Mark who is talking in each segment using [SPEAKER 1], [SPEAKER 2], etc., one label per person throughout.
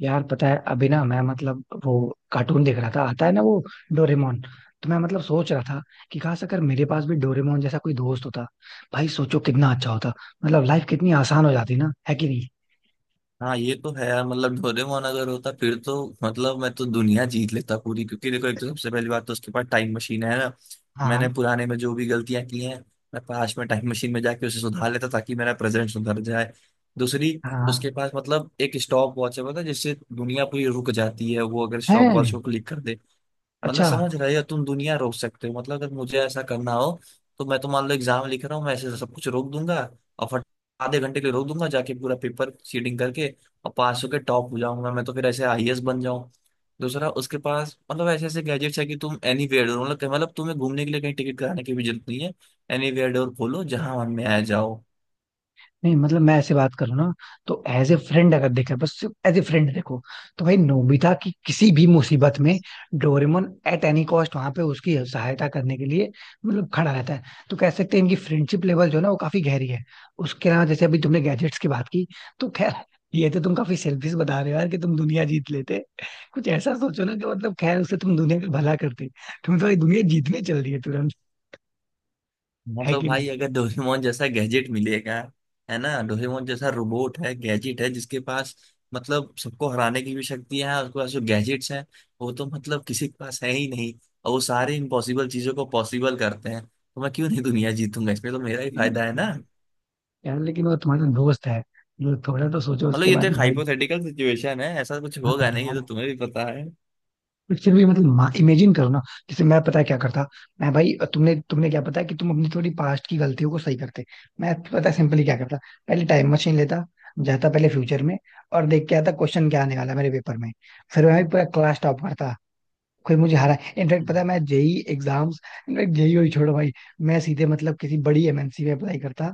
[SPEAKER 1] यार पता है अभी ना मैं मतलब वो कार्टून देख रहा था। आता है ना वो डोरेमोन। तो मैं मतलब सोच रहा था कि काश अगर मेरे पास भी डोरेमोन जैसा कोई दोस्त होता। भाई सोचो कितना अच्छा होता। मतलब लाइफ कितनी आसान हो जाती ना, है कि नहीं।
[SPEAKER 2] हाँ, ये तो है यार। मतलब डोरेमोन अगर होता फिर तो मतलब मैं तो दुनिया जीत लेता पूरी। क्योंकि देखो, एक तो सबसे पहली बात तो उसके पास टाइम मशीन है ना।
[SPEAKER 1] हाँ।
[SPEAKER 2] मैंने पुराने में जो भी गलतियां की हैं, मैं पास में टाइम मशीन में जाके उसे सुधार लेता ताकि मेरा प्रेजेंट सुधर जाए। दूसरी,
[SPEAKER 1] हाँ।
[SPEAKER 2] उसके पास मतलब एक स्टॉप वॉच है पता है, जिससे दुनिया पूरी रुक जाती है वो अगर स्टॉप वॉच
[SPEAKER 1] है।
[SPEAKER 2] को क्लिक कर दे। मतलब
[SPEAKER 1] अच्छा।
[SPEAKER 2] समझ रहे हो, तुम दुनिया रोक सकते हो। मतलब अगर मुझे ऐसा करना हो तो मैं, तो मान लो एग्जाम लिख रहा हूँ, मैं ऐसे सब कुछ रोक दूंगा और फट आधे घंटे के लिए रोक दूंगा, जाके पूरा पेपर सीडिंग करके और पास होके टॉप हो जाऊंगा। मैं तो फिर ऐसे आईएएस बन जाऊं। दूसरा, उसके पास मतलब ऐसे ऐसे गैजेट्स है कि तुम एनी वेयर डोर, मतलब तुम्हें घूमने के लिए कहीं टिकट कराने की भी जरूरत नहीं है। एनी वेयर डोर खोलो, जहां मन में आ जाओ।
[SPEAKER 1] नहीं मतलब मैं ऐसे बात करूँ ना, तो एज ए फ्रेंड अगर देखा, बस एज ए फ्रेंड देखो, तो भाई नोबिता की किसी भी मुसीबत में डोरेमोन एट एनी कॉस्ट वहां पे उसकी सहायता करने के लिए मतलब खड़ा रहता है। तो कह सकते हैं इनकी फ्रेंडशिप लेवल जो है ना वो काफी गहरी है। उसके अलावा जैसे अभी तुमने गैजेट्स की बात की, तो खैर ये तो तुम काफी सेल्फिश बता रहे हो यार, कि तुम दुनिया जीत लेते। कुछ ऐसा सोचो ना कि मतलब खैर उससे तुम दुनिया का भला करते। तुम तो भाई दुनिया जीतने चल रही है तुरंत।
[SPEAKER 2] हाँ
[SPEAKER 1] है
[SPEAKER 2] तो
[SPEAKER 1] कि
[SPEAKER 2] भाई, अगर डोरेमोन जैसा गैजेट मिलेगा, है ना, डोरेमोन जैसा रोबोट है, गैजेट है जिसके पास मतलब सबको हराने की भी शक्ति है। उसके पास जो गैजेट्स हैं वो तो मतलब किसी के पास है ही नहीं। और वो सारे इम्पॉसिबल चीजों को पॉसिबल करते हैं, तो मैं क्यों नहीं दुनिया जीतूंगा। इसमें तो मेरा ही फायदा है
[SPEAKER 1] नहीं।
[SPEAKER 2] ना।
[SPEAKER 1] यार लेकिन वो तुम्हारा दोस्त है, जो थोड़ा तो सोचो
[SPEAKER 2] मतलब
[SPEAKER 1] उसके
[SPEAKER 2] ये तो
[SPEAKER 1] बारे
[SPEAKER 2] एक
[SPEAKER 1] में भाई।
[SPEAKER 2] हाइपोथेटिकल सिचुएशन है, ऐसा कुछ
[SPEAKER 1] हाँ
[SPEAKER 2] होगा नहीं, ये
[SPEAKER 1] यार,
[SPEAKER 2] तो तुम्हें भी पता
[SPEAKER 1] बट फिर भी मतलब इमेजिन करो ना। जैसे मैं पता है क्या करता, मैं भाई तुमने तुमने क्या पता है कि तुम अपनी थोड़ी पास्ट की गलतियों को सही करते। मैं पता है सिंपली क्या करता, पहले टाइम मशीन लेता, जाता पहले फ्यूचर में, और देख के आता क्वेश्चन क्या आने वाला है मेरे पेपर में। फिर मैं भी पूरा क्लास टॉप करता, कोई मुझे हरा। इनफैक्ट
[SPEAKER 2] है।
[SPEAKER 1] पता है मैं जेई एग्जाम्स, इनफैक्ट जेई और छोड़ो भाई, मैं सीधे मतलब किसी बड़ी एमएनसी में अप्लाई करता,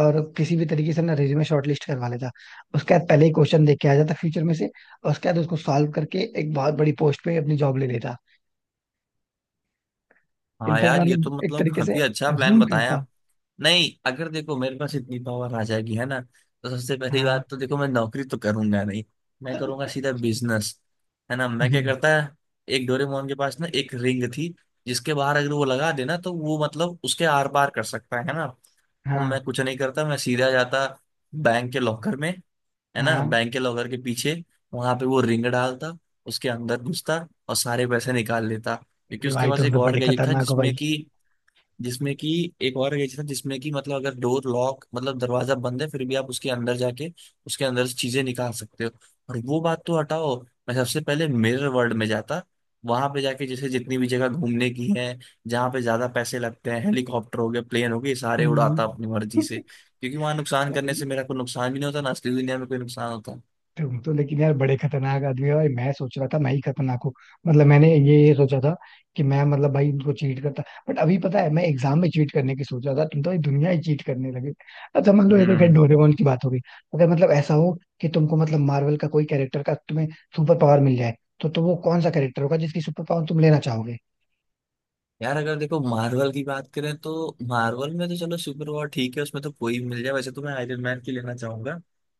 [SPEAKER 1] और किसी भी तरीके से ना रिज्यूमे शॉर्टलिस्ट करवा लेता। उसके बाद पहले ही क्वेश्चन देख के आ जाता फ्यूचर में से, और उसके बाद उसको सॉल्व करके एक बहुत बड़ी पोस्ट पे अपनी जॉब ले लेता।
[SPEAKER 2] हाँ
[SPEAKER 1] इनफैक्ट
[SPEAKER 2] यार, ये
[SPEAKER 1] मतलब
[SPEAKER 2] तो
[SPEAKER 1] एक
[SPEAKER 2] मतलब
[SPEAKER 1] तरीके से
[SPEAKER 2] काफी अच्छा प्लान
[SPEAKER 1] रूल
[SPEAKER 2] बताया
[SPEAKER 1] करता।
[SPEAKER 2] आप। नहीं, अगर देखो मेरे पास इतनी पावर आ जाएगी है ना, तो सबसे पहली
[SPEAKER 1] हाँ।
[SPEAKER 2] बात तो देखो, मैं नौकरी तो करूंगा नहीं। मैं करूंगा सीधा बिजनेस। है ना, मैं क्या
[SPEAKER 1] हम्म।
[SPEAKER 2] करता है, एक डोरेमोन के पास ना एक रिंग थी जिसके बाहर अगर वो लगा देना तो वो मतलब उसके आर पार कर सकता है ना। तो मैं
[SPEAKER 1] हाँ
[SPEAKER 2] कुछ नहीं करता, मैं सीधा जाता बैंक के लॉकर में। है ना,
[SPEAKER 1] हाँ।
[SPEAKER 2] बैंक के लॉकर के पीछे वहां पे वो रिंग डालता, उसके अंदर घुसता और सारे पैसे निकाल लेता। क्योंकि
[SPEAKER 1] अरे
[SPEAKER 2] उसके
[SPEAKER 1] भाई
[SPEAKER 2] पास
[SPEAKER 1] तुम
[SPEAKER 2] एक
[SPEAKER 1] तो
[SPEAKER 2] और
[SPEAKER 1] बड़े
[SPEAKER 2] गैजेट था
[SPEAKER 1] खतरनाक हो
[SPEAKER 2] जिसमें
[SPEAKER 1] भाई।
[SPEAKER 2] कि जिसमें कि एक और एडिशन, जिसमें कि मतलब अगर डोर लॉक, मतलब दरवाजा बंद है फिर भी आप उसके अंदर जाके उसके अंदर से चीजें निकाल सकते हो। और वो बात तो हटाओ, मैं सबसे पहले मिरर वर्ल्ड में जाता। वहां पे जाके जैसे जितनी भी जगह घूमने की है, जहाँ पे ज्यादा पैसे लगते हैं, हेलीकॉप्टर हो गए, प्लेन हो गए, ये सारे उड़ाता अपनी
[SPEAKER 1] हम्म।
[SPEAKER 2] मर्जी से। क्योंकि वहां नुकसान करने
[SPEAKER 1] भाई
[SPEAKER 2] से मेरा कोई नुकसान भी नहीं होता ना, असली दुनिया में कोई नुकसान होता।
[SPEAKER 1] तुम तो लेकिन यार बड़े खतरनाक आदमी हो भाई। मैं सोच रहा था मैं ही खतरनाक हूँ। मतलब मैंने ये सोचा था कि मैं मतलब भाई उनको चीट करता। बट अभी पता है मैं एग्जाम में चीट करने की सोच रहा था, तुम तो भाई दुनिया ही चीट करने लगे। अच्छा मान लो, ये तो खैर
[SPEAKER 2] हम्म।
[SPEAKER 1] डोरेमोन की बात हो गई। अगर मतलब ऐसा हो कि तुमको मतलब मार्वल का कोई कैरेक्टर का तुम्हें सुपर पावर मिल जाए, तो वो कौन सा कैरेक्टर होगा जिसकी सुपर पावर तुम लेना चाहोगे।
[SPEAKER 2] यार अगर देखो मार्वल की बात करें, तो मार्वल में तो चलो, सुपर वॉर ठीक है, उसमें तो कोई भी मिल जाए, वैसे तो मैं आयरन मैन की लेना चाहूंगा।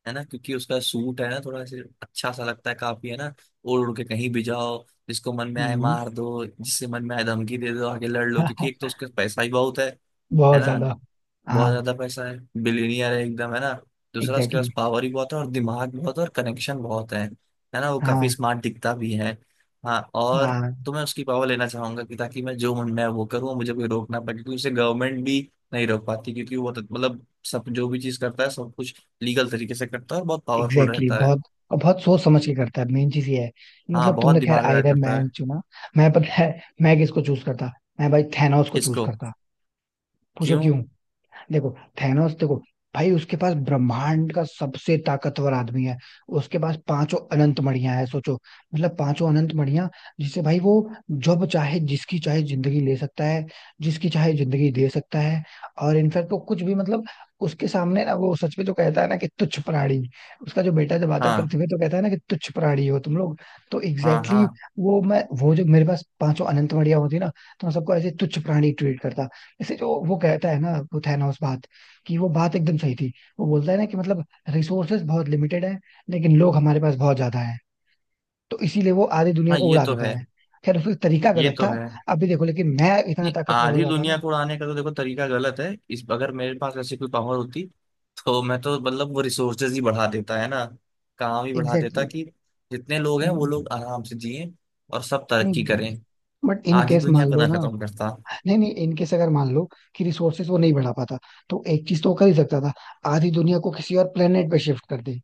[SPEAKER 2] है ना, क्योंकि उसका सूट है ना थोड़ा सा अच्छा सा लगता है काफी, है ना। ओढ़ उड़ के कहीं भी जाओ, जिसको मन में आए
[SPEAKER 1] हम्म।
[SPEAKER 2] मार दो, जिससे मन में आए धमकी दे दो, आगे लड़ लो। क्योंकि एक तो उसका पैसा ही बहुत है
[SPEAKER 1] बहुत ज्यादा।
[SPEAKER 2] ना,
[SPEAKER 1] हाँ।
[SPEAKER 2] बहुत ज्यादा पैसा है। बिलियनियर है एकदम, है ना। दूसरा, उसके
[SPEAKER 1] एग्जैक्टली।
[SPEAKER 2] पास पावर ही बहुत है और दिमाग बहुत है और कनेक्शन बहुत है। है ना, वो काफी
[SPEAKER 1] हाँ।
[SPEAKER 2] स्मार्ट दिखता भी है। हाँ, और
[SPEAKER 1] हाँ
[SPEAKER 2] तो मैं उसकी पावर लेना चाहूंगा कि ताकि मैं जो मन मैं वो करूँ, मुझे कोई रोकना पड़े। क्योंकि उसे गवर्नमेंट भी नहीं रोक पाती, क्योंकि वो तो, मतलब सब जो भी चीज करता है सब कुछ लीगल तरीके से करता है और बहुत पावरफुल
[SPEAKER 1] एग्जैक्टली exactly,
[SPEAKER 2] रहता है।
[SPEAKER 1] बहुत और बहुत सोच समझ के करता है, मेन चीज ये है।
[SPEAKER 2] हाँ,
[SPEAKER 1] मतलब
[SPEAKER 2] बहुत
[SPEAKER 1] तुमने खैर
[SPEAKER 2] दिमाग लगा
[SPEAKER 1] आयरन
[SPEAKER 2] करता
[SPEAKER 1] मैन
[SPEAKER 2] है।
[SPEAKER 1] चुना, मैं पता है मैं किसको चूज करता। मैं भाई थैनोस को चूज
[SPEAKER 2] किसको?
[SPEAKER 1] करता। पूछो
[SPEAKER 2] क्यों?
[SPEAKER 1] क्यों। देखो थैनोस देखो, भाई उसके पास ब्रह्मांड का सबसे ताकतवर आदमी है। उसके पास पांचों अनंत मणियां है सोचो, मतलब पांचों अनंत मणियां, जिससे भाई वो जब चाहे जिसकी चाहे जिंदगी ले सकता है, जिसकी चाहे जिंदगी दे सकता है। और इनफैक्ट वो कुछ भी मतलब उसके सामने ना वो सच में जो कहता है ना कि तुच्छ प्राणी। उसका जो बेटा जब आता है
[SPEAKER 2] हाँ,
[SPEAKER 1] पृथ्वी पे तो कहता है ना कि तुच्छ प्राणी हो तुम लोग। तो
[SPEAKER 2] हाँ।
[SPEAKER 1] एग्जैक्टली
[SPEAKER 2] हाँ।
[SPEAKER 1] exactly, वो मैं वो जो मेरे पास पांचों अनंत मणियां होती ना, तो मैं सबको ऐसे तुच्छ प्राणी ट्रीट करता। जैसे जो वो कहता है ना वो थैनोस बात, कि वो बात एकदम सही थी। वो बोलता है ना कि मतलब रिसोर्सेज बहुत लिमिटेड है, लेकिन लोग हमारे पास बहुत ज्यादा है, तो इसीलिए वो आधी दुनिया
[SPEAKER 2] हाँ,
[SPEAKER 1] को
[SPEAKER 2] ये
[SPEAKER 1] उड़ा
[SPEAKER 2] तो
[SPEAKER 1] देता
[SPEAKER 2] है।
[SPEAKER 1] है। खैर उसका तरीका
[SPEAKER 2] ये
[SPEAKER 1] गलत
[SPEAKER 2] तो
[SPEAKER 1] था।
[SPEAKER 2] है।
[SPEAKER 1] अभी देखो लेकिन मैं इतना
[SPEAKER 2] नहीं,
[SPEAKER 1] ताकतवर हो
[SPEAKER 2] आधी
[SPEAKER 1] जाता
[SPEAKER 2] दुनिया
[SPEAKER 1] ना।
[SPEAKER 2] को उड़ाने का तो देखो तरीका गलत है इस। अगर मेरे पास ऐसी कोई पावर होती, तो मैं तो मतलब वो रिसोर्सेज ही बढ़ा देता है ना। काम ही बढ़ा देता
[SPEAKER 1] एग्जैक्टली
[SPEAKER 2] कि जितने लोग हैं वो
[SPEAKER 1] exactly.
[SPEAKER 2] लोग आराम से जिए और सब
[SPEAKER 1] नहीं
[SPEAKER 2] तरक्की करें।
[SPEAKER 1] बट इन
[SPEAKER 2] आधी
[SPEAKER 1] केस मान
[SPEAKER 2] दुनिया को
[SPEAKER 1] लो
[SPEAKER 2] ना
[SPEAKER 1] ना,
[SPEAKER 2] खत्म करता।
[SPEAKER 1] नहीं नहीं इन केस अगर मान लो कि रिसोर्सेज वो नहीं बढ़ा पाता, तो एक चीज तो वो कर ही सकता था, आधी दुनिया को किसी और प्लेनेट पे शिफ्ट कर दे,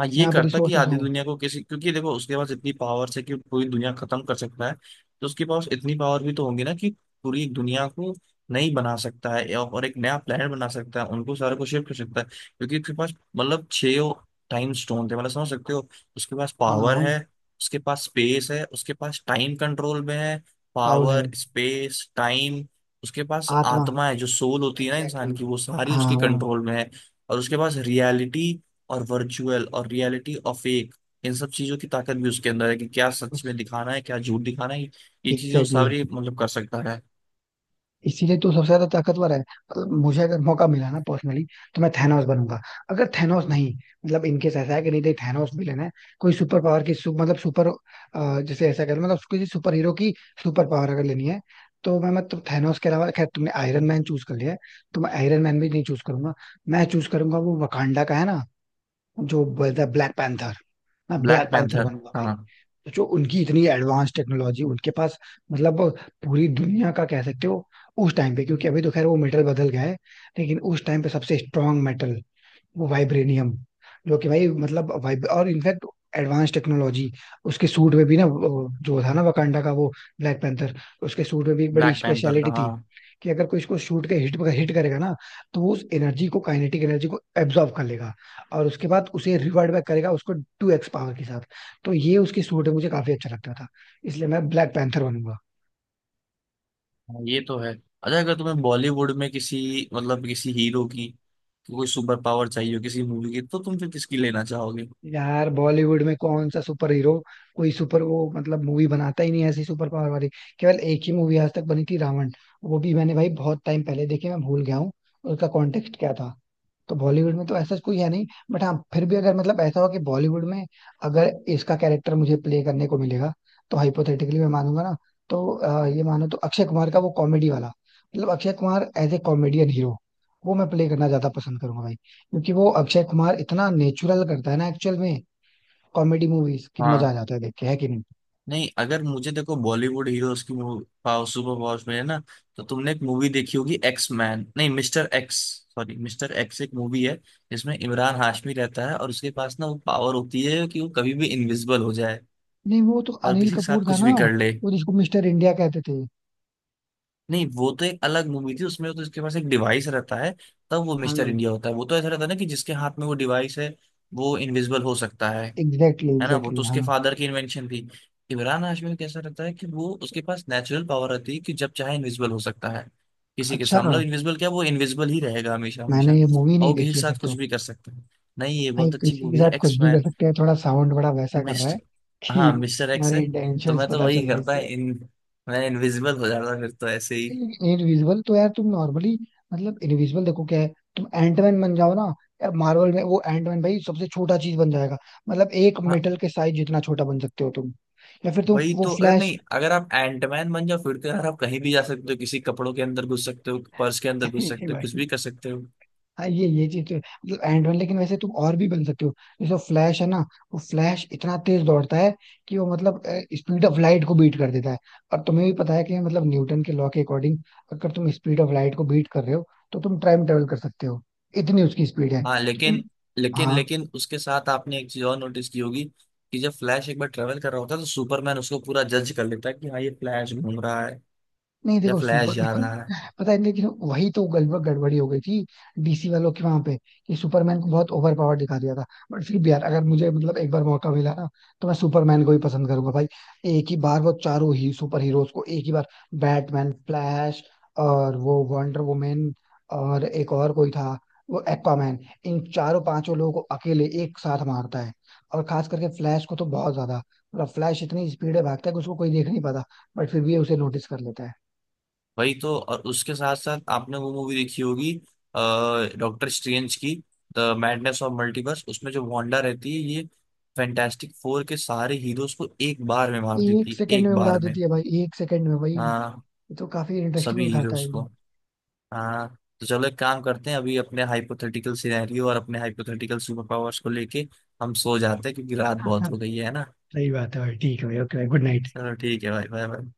[SPEAKER 2] हाँ, ये
[SPEAKER 1] जहाँ पे
[SPEAKER 2] करता कि
[SPEAKER 1] रिसोर्सेज
[SPEAKER 2] आधी
[SPEAKER 1] हो।
[SPEAKER 2] दुनिया को किसी, क्योंकि देखो उसके पास इतनी पावर है कि पूरी दुनिया खत्म कर सकता है। तो उसके पास इतनी पावर भी तो होगी ना कि पूरी दुनिया को नहीं बना सकता है और एक नया प्लेनेट बना सकता है, उनको सारे को शिफ्ट कर सकता है। क्योंकि उसके पास मतलब छह टाइम स्टोन थे, मतलब समझ सकते हो। उसके पास
[SPEAKER 1] हाँ
[SPEAKER 2] पावर
[SPEAKER 1] हाँ।
[SPEAKER 2] है, उसके पास स्पेस है, उसके पास टाइम कंट्रोल में है।
[SPEAKER 1] साउल है।
[SPEAKER 2] Power, space, time. उसके पास
[SPEAKER 1] आत्मा।
[SPEAKER 2] आत्मा है, जो सोल होती है ना इंसान
[SPEAKER 1] एग्जैक्टली।
[SPEAKER 2] की, वो सारी उसके
[SPEAKER 1] हाँ।
[SPEAKER 2] कंट्रोल में है। और उसके पास रियलिटी, और वर्चुअल और रियलिटी और फेक, इन सब चीजों की ताकत भी उसके अंदर है कि क्या सच में दिखाना है, क्या झूठ दिखाना है। ये चीजें वो
[SPEAKER 1] एग्जैक्टली
[SPEAKER 2] सारी
[SPEAKER 1] exactly.
[SPEAKER 2] मतलब कर सकता है।
[SPEAKER 1] इसीलिए तू सबसे ज्यादा ताकतवर है। मतलब मुझे अगर मौका मिला ना पर्सनली, तो मैं थैनोस बनूंगा। अगर थैनोस नहीं, मतलब इनकेस ऐसा है कि नहीं नहीं थैनोस भी लेना है कोई सुपर पावर की मतलब सुपर, जैसे ऐसा कर मतलब किसी सुपर हीरो की सुपर पावर अगर लेनी है, तो मैं मतलब थैनोस के अलावा, खैर तुमने आयरन मैन चूज कर लिया है, तो मैं आयरन मैन भी नहीं चूज करूंगा। मैं चूज करूंगा वो वकांडा का है ना, जो बोलता है ब्लैक पैंथर। मैं ब्लैक
[SPEAKER 2] ब्लैक
[SPEAKER 1] पैंथर
[SPEAKER 2] पैंथर।
[SPEAKER 1] बनूंगा भाई।
[SPEAKER 2] हाँ।
[SPEAKER 1] तो जो उनकी इतनी एडवांस टेक्नोलॉजी उनके पास मतलब पूरी दुनिया का कह सकते हो उस टाइम पे, क्योंकि अभी तो खैर वो मेटल बदल गया है, लेकिन उस टाइम पे सबसे स्ट्रांग मेटल वो वाइब्रेनियम, जो कि भाई मतलब वाइब, और इनफैक्ट एडवांस टेक्नोलॉजी। उसके सूट में भी ना वो जो था ना वकांडा का वो ब्लैक पैंथर, उसके सूट में भी एक बड़ी
[SPEAKER 2] ब्लैक पैंथर का,
[SPEAKER 1] स्पेशलिटी
[SPEAKER 2] हाँ।
[SPEAKER 1] थी कि अगर कोई इसको शूट के हिट हिट करेगा ना, तो वो उस एनर्जी को काइनेटिक एनर्जी को एब्जॉर्ब कर लेगा, और उसके बाद उसे रिवर्ट बैक करेगा उसको 2x पावर के साथ। तो ये उसकी सूट है, मुझे काफी अच्छा लगता था, इसलिए मैं ब्लैक पैंथर बनूंगा।
[SPEAKER 2] हाँ, ये तो है। अच्छा, अगर तुम्हें बॉलीवुड में किसी मतलब किसी हीरो की कोई सुपर पावर चाहिए हो किसी मूवी की, तो तुम फिर किसकी लेना चाहोगे?
[SPEAKER 1] यार बॉलीवुड में कौन सा सुपर हीरो, कोई सुपर वो मतलब मूवी बनाता ही नहीं है ऐसी सुपर पावर वाली। केवल एक ही मूवी आज तक बनी थी रावण, वो भी मैंने भाई बहुत टाइम पहले देखी, मैं भूल गया हूँ उसका कॉन्टेक्स्ट क्या था। तो बॉलीवुड में तो ऐसा कोई है नहीं। बट हाँ फिर भी अगर मतलब ऐसा हो कि बॉलीवुड में अगर इसका कैरेक्टर मुझे प्ले करने को मिलेगा, तो हाइपोथेटिकली मैं मानूंगा ना, तो ये मानो तो अक्षय कुमार का वो कॉमेडी वाला, मतलब Akshay Kumar as a comedian hero, वो मैं प्ले करना ज्यादा पसंद करूंगा भाई, क्योंकि वो अक्षय कुमार इतना नेचुरल करता है ना एक्चुअल में। कॉमेडी मूवीज की मजा आ
[SPEAKER 2] हाँ।
[SPEAKER 1] जाता है देख के, है कि नहीं।
[SPEAKER 2] नहीं, अगर मुझे देखो बॉलीवुड हीरोज की मूवी पावर, सुपर पावर्स में है ना, तो तुमने एक मूवी देखी होगी, एक्स मैन, नहीं, Mister X, sorry, Mister X एक मूवी है जिसमें इमरान हाशमी रहता है और उसके पास ना वो पावर होती है कि वो कभी भी इनविजिबल हो जाए
[SPEAKER 1] नहीं वो तो
[SPEAKER 2] और
[SPEAKER 1] अनिल
[SPEAKER 2] किसी के
[SPEAKER 1] कपूर
[SPEAKER 2] साथ
[SPEAKER 1] था
[SPEAKER 2] कुछ
[SPEAKER 1] ना,
[SPEAKER 2] भी कर ले।
[SPEAKER 1] वो जिसको मिस्टर इंडिया कहते थे।
[SPEAKER 2] नहीं, वो तो एक अलग मूवी थी, उसमें तो उसके पास एक डिवाइस रहता है, तब वो मिस्टर
[SPEAKER 1] हाँ
[SPEAKER 2] इंडिया होता है। वो तो ऐसा रहता है ना कि जिसके हाथ में वो डिवाइस है वो इनविजिबल हो सकता है।
[SPEAKER 1] एग्जैक्टली
[SPEAKER 2] है ना, वो
[SPEAKER 1] एग्जैक्टली
[SPEAKER 2] तो
[SPEAKER 1] हाँ।
[SPEAKER 2] उसके फादर की इन्वेंशन थी। इमरान हाशमी में कैसा रहता है कि वो उसके पास नेचुरल पावर रहती है कि जब चाहे इनविजिबल हो सकता है किसी के
[SPEAKER 1] अच्छा
[SPEAKER 2] सामने। मतलब इनविजिबल, क्या वो इनविजिबल ही रहेगा हमेशा हमेशा,
[SPEAKER 1] मैंने ये मूवी
[SPEAKER 2] और
[SPEAKER 1] नहीं
[SPEAKER 2] वो किसी के
[SPEAKER 1] देखी है फिर
[SPEAKER 2] साथ कुछ
[SPEAKER 1] तो।
[SPEAKER 2] भी कर सकता है। नहीं, ये
[SPEAKER 1] भाई
[SPEAKER 2] बहुत अच्छी
[SPEAKER 1] किसी के
[SPEAKER 2] मूवी है,
[SPEAKER 1] साथ कुछ
[SPEAKER 2] एक्स
[SPEAKER 1] भी कर
[SPEAKER 2] मैन,
[SPEAKER 1] सकते हैं, थोड़ा साउंड बड़ा वैसा कर रहा है,
[SPEAKER 2] मिस्टर
[SPEAKER 1] कि
[SPEAKER 2] हाँ, मिस्टर एक्स है।
[SPEAKER 1] तुम्हारे
[SPEAKER 2] तो
[SPEAKER 1] इंटेंशंस
[SPEAKER 2] मैं तो
[SPEAKER 1] पता चल
[SPEAKER 2] वही
[SPEAKER 1] रहा है
[SPEAKER 2] करता
[SPEAKER 1] इससे।
[SPEAKER 2] है इन मैं, इनविजिबल हो जाता फिर तो ऐसे ही।
[SPEAKER 1] इनविजिबल तो यार तुम नॉर्मली, मतलब इनविजिबल देखो क्या है, तुम एंटमैन बन जाओ ना। यार मार्वल में वो एंटमैन भाई सबसे छोटा चीज बन जाएगा, मतलब एक
[SPEAKER 2] हाँ,
[SPEAKER 1] मेटल के साइज जितना छोटा बन सकते हो तुम। या फिर तुम
[SPEAKER 2] वही
[SPEAKER 1] वो
[SPEAKER 2] तो।
[SPEAKER 1] फ्लैश।
[SPEAKER 2] अगर आप एंटमैन बन जाओ फिर तो यार, आप कहीं भी जा सकते हो, किसी कपड़ों के अंदर घुस सकते हो, पर्स के अंदर
[SPEAKER 1] नहीं
[SPEAKER 2] घुस
[SPEAKER 1] नहीं
[SPEAKER 2] सकते हो, कुछ
[SPEAKER 1] भाई,
[SPEAKER 2] भी कर सकते हो।
[SPEAKER 1] हाँ ये चीज तो है। मतलब एंड वन, लेकिन वैसे तुम और भी बन सकते हो, जैसे फ्लैश है ना, वो फ्लैश इतना तेज दौड़ता है कि वो मतलब स्पीड ऑफ लाइट को बीट कर देता है। और तुम्हें भी पता है कि मतलब न्यूटन के लॉ के अकॉर्डिंग, अगर तुम स्पीड ऑफ लाइट को बीट कर रहे हो, तो तुम टाइम ट्रेवल कर सकते हो, इतनी उसकी स्पीड है।
[SPEAKER 2] हाँ
[SPEAKER 1] तो तुम,
[SPEAKER 2] लेकिन, लेकिन
[SPEAKER 1] हाँ,
[SPEAKER 2] लेकिन उसके साथ आपने एक चीज और नोटिस की होगी कि जब फ्लैश एक बार ट्रेवल कर रहा होता है, तो सुपरमैन उसको पूरा जज कर लेता है कि हाँ, ये फ्लैश घूम रहा है
[SPEAKER 1] नहीं
[SPEAKER 2] या
[SPEAKER 1] देखो
[SPEAKER 2] फ्लैश जा
[SPEAKER 1] सुपरमैन
[SPEAKER 2] रहा है।
[SPEAKER 1] पता है, लेकिन वही तो गड़बड़ी हो गई थी डीसी वालों की वहां पे, कि सुपरमैन को बहुत ओवर पावर दिखा दिया था। बट फिर भी यार अगर मुझे मतलब एक बार मौका मिला ना, तो मैं सुपरमैन को ही पसंद करूंगा भाई। एक ही बार वो चारों ही सुपर हीरोज को एक ही बार, बैटमैन फ्लैश और वो वंडर वुमेन, और एक और कोई था वो एक्वामैन, इन चारों पांचों लोगों को अकेले एक साथ मारता है। और खास करके फ्लैश को तो बहुत ज्यादा, मतलब फ्लैश इतनी स्पीड है भागता है कि उसको कोई देख नहीं पाता, बट फिर भी उसे नोटिस कर लेता है।
[SPEAKER 2] वही तो। और उसके साथ साथ आपने वो मूवी देखी होगी डॉक्टर स्ट्रेंज की, द मैडनेस ऑफ मल्टीवर्स, उसमें जो वांडा रहती है ये फैंटास्टिक फोर के सारे हीरोज को एक बार में मार
[SPEAKER 1] एक
[SPEAKER 2] देती है,
[SPEAKER 1] सेकंड
[SPEAKER 2] एक
[SPEAKER 1] में उड़ा
[SPEAKER 2] बार में।
[SPEAKER 1] देती है भाई एक सेकंड में भाई। ये
[SPEAKER 2] हाँ,
[SPEAKER 1] तो काफी इंटरेस्टिंग
[SPEAKER 2] सभी
[SPEAKER 1] दिखाता
[SPEAKER 2] हीरोज को। हाँ। तो चलो, एक काम करते हैं, अभी अपने हाइपोथेटिकल सिनेरियो और अपने हाइपोथेटिकल सुपर पावर्स को लेके हम सो जाते हैं क्योंकि रात बहुत
[SPEAKER 1] है।
[SPEAKER 2] हो गई है ना।
[SPEAKER 1] सही बात है भाई, ठीक है भाई, ओके भाई, गुड नाइट।
[SPEAKER 2] चलो ठीक है भाई, बाय बाय।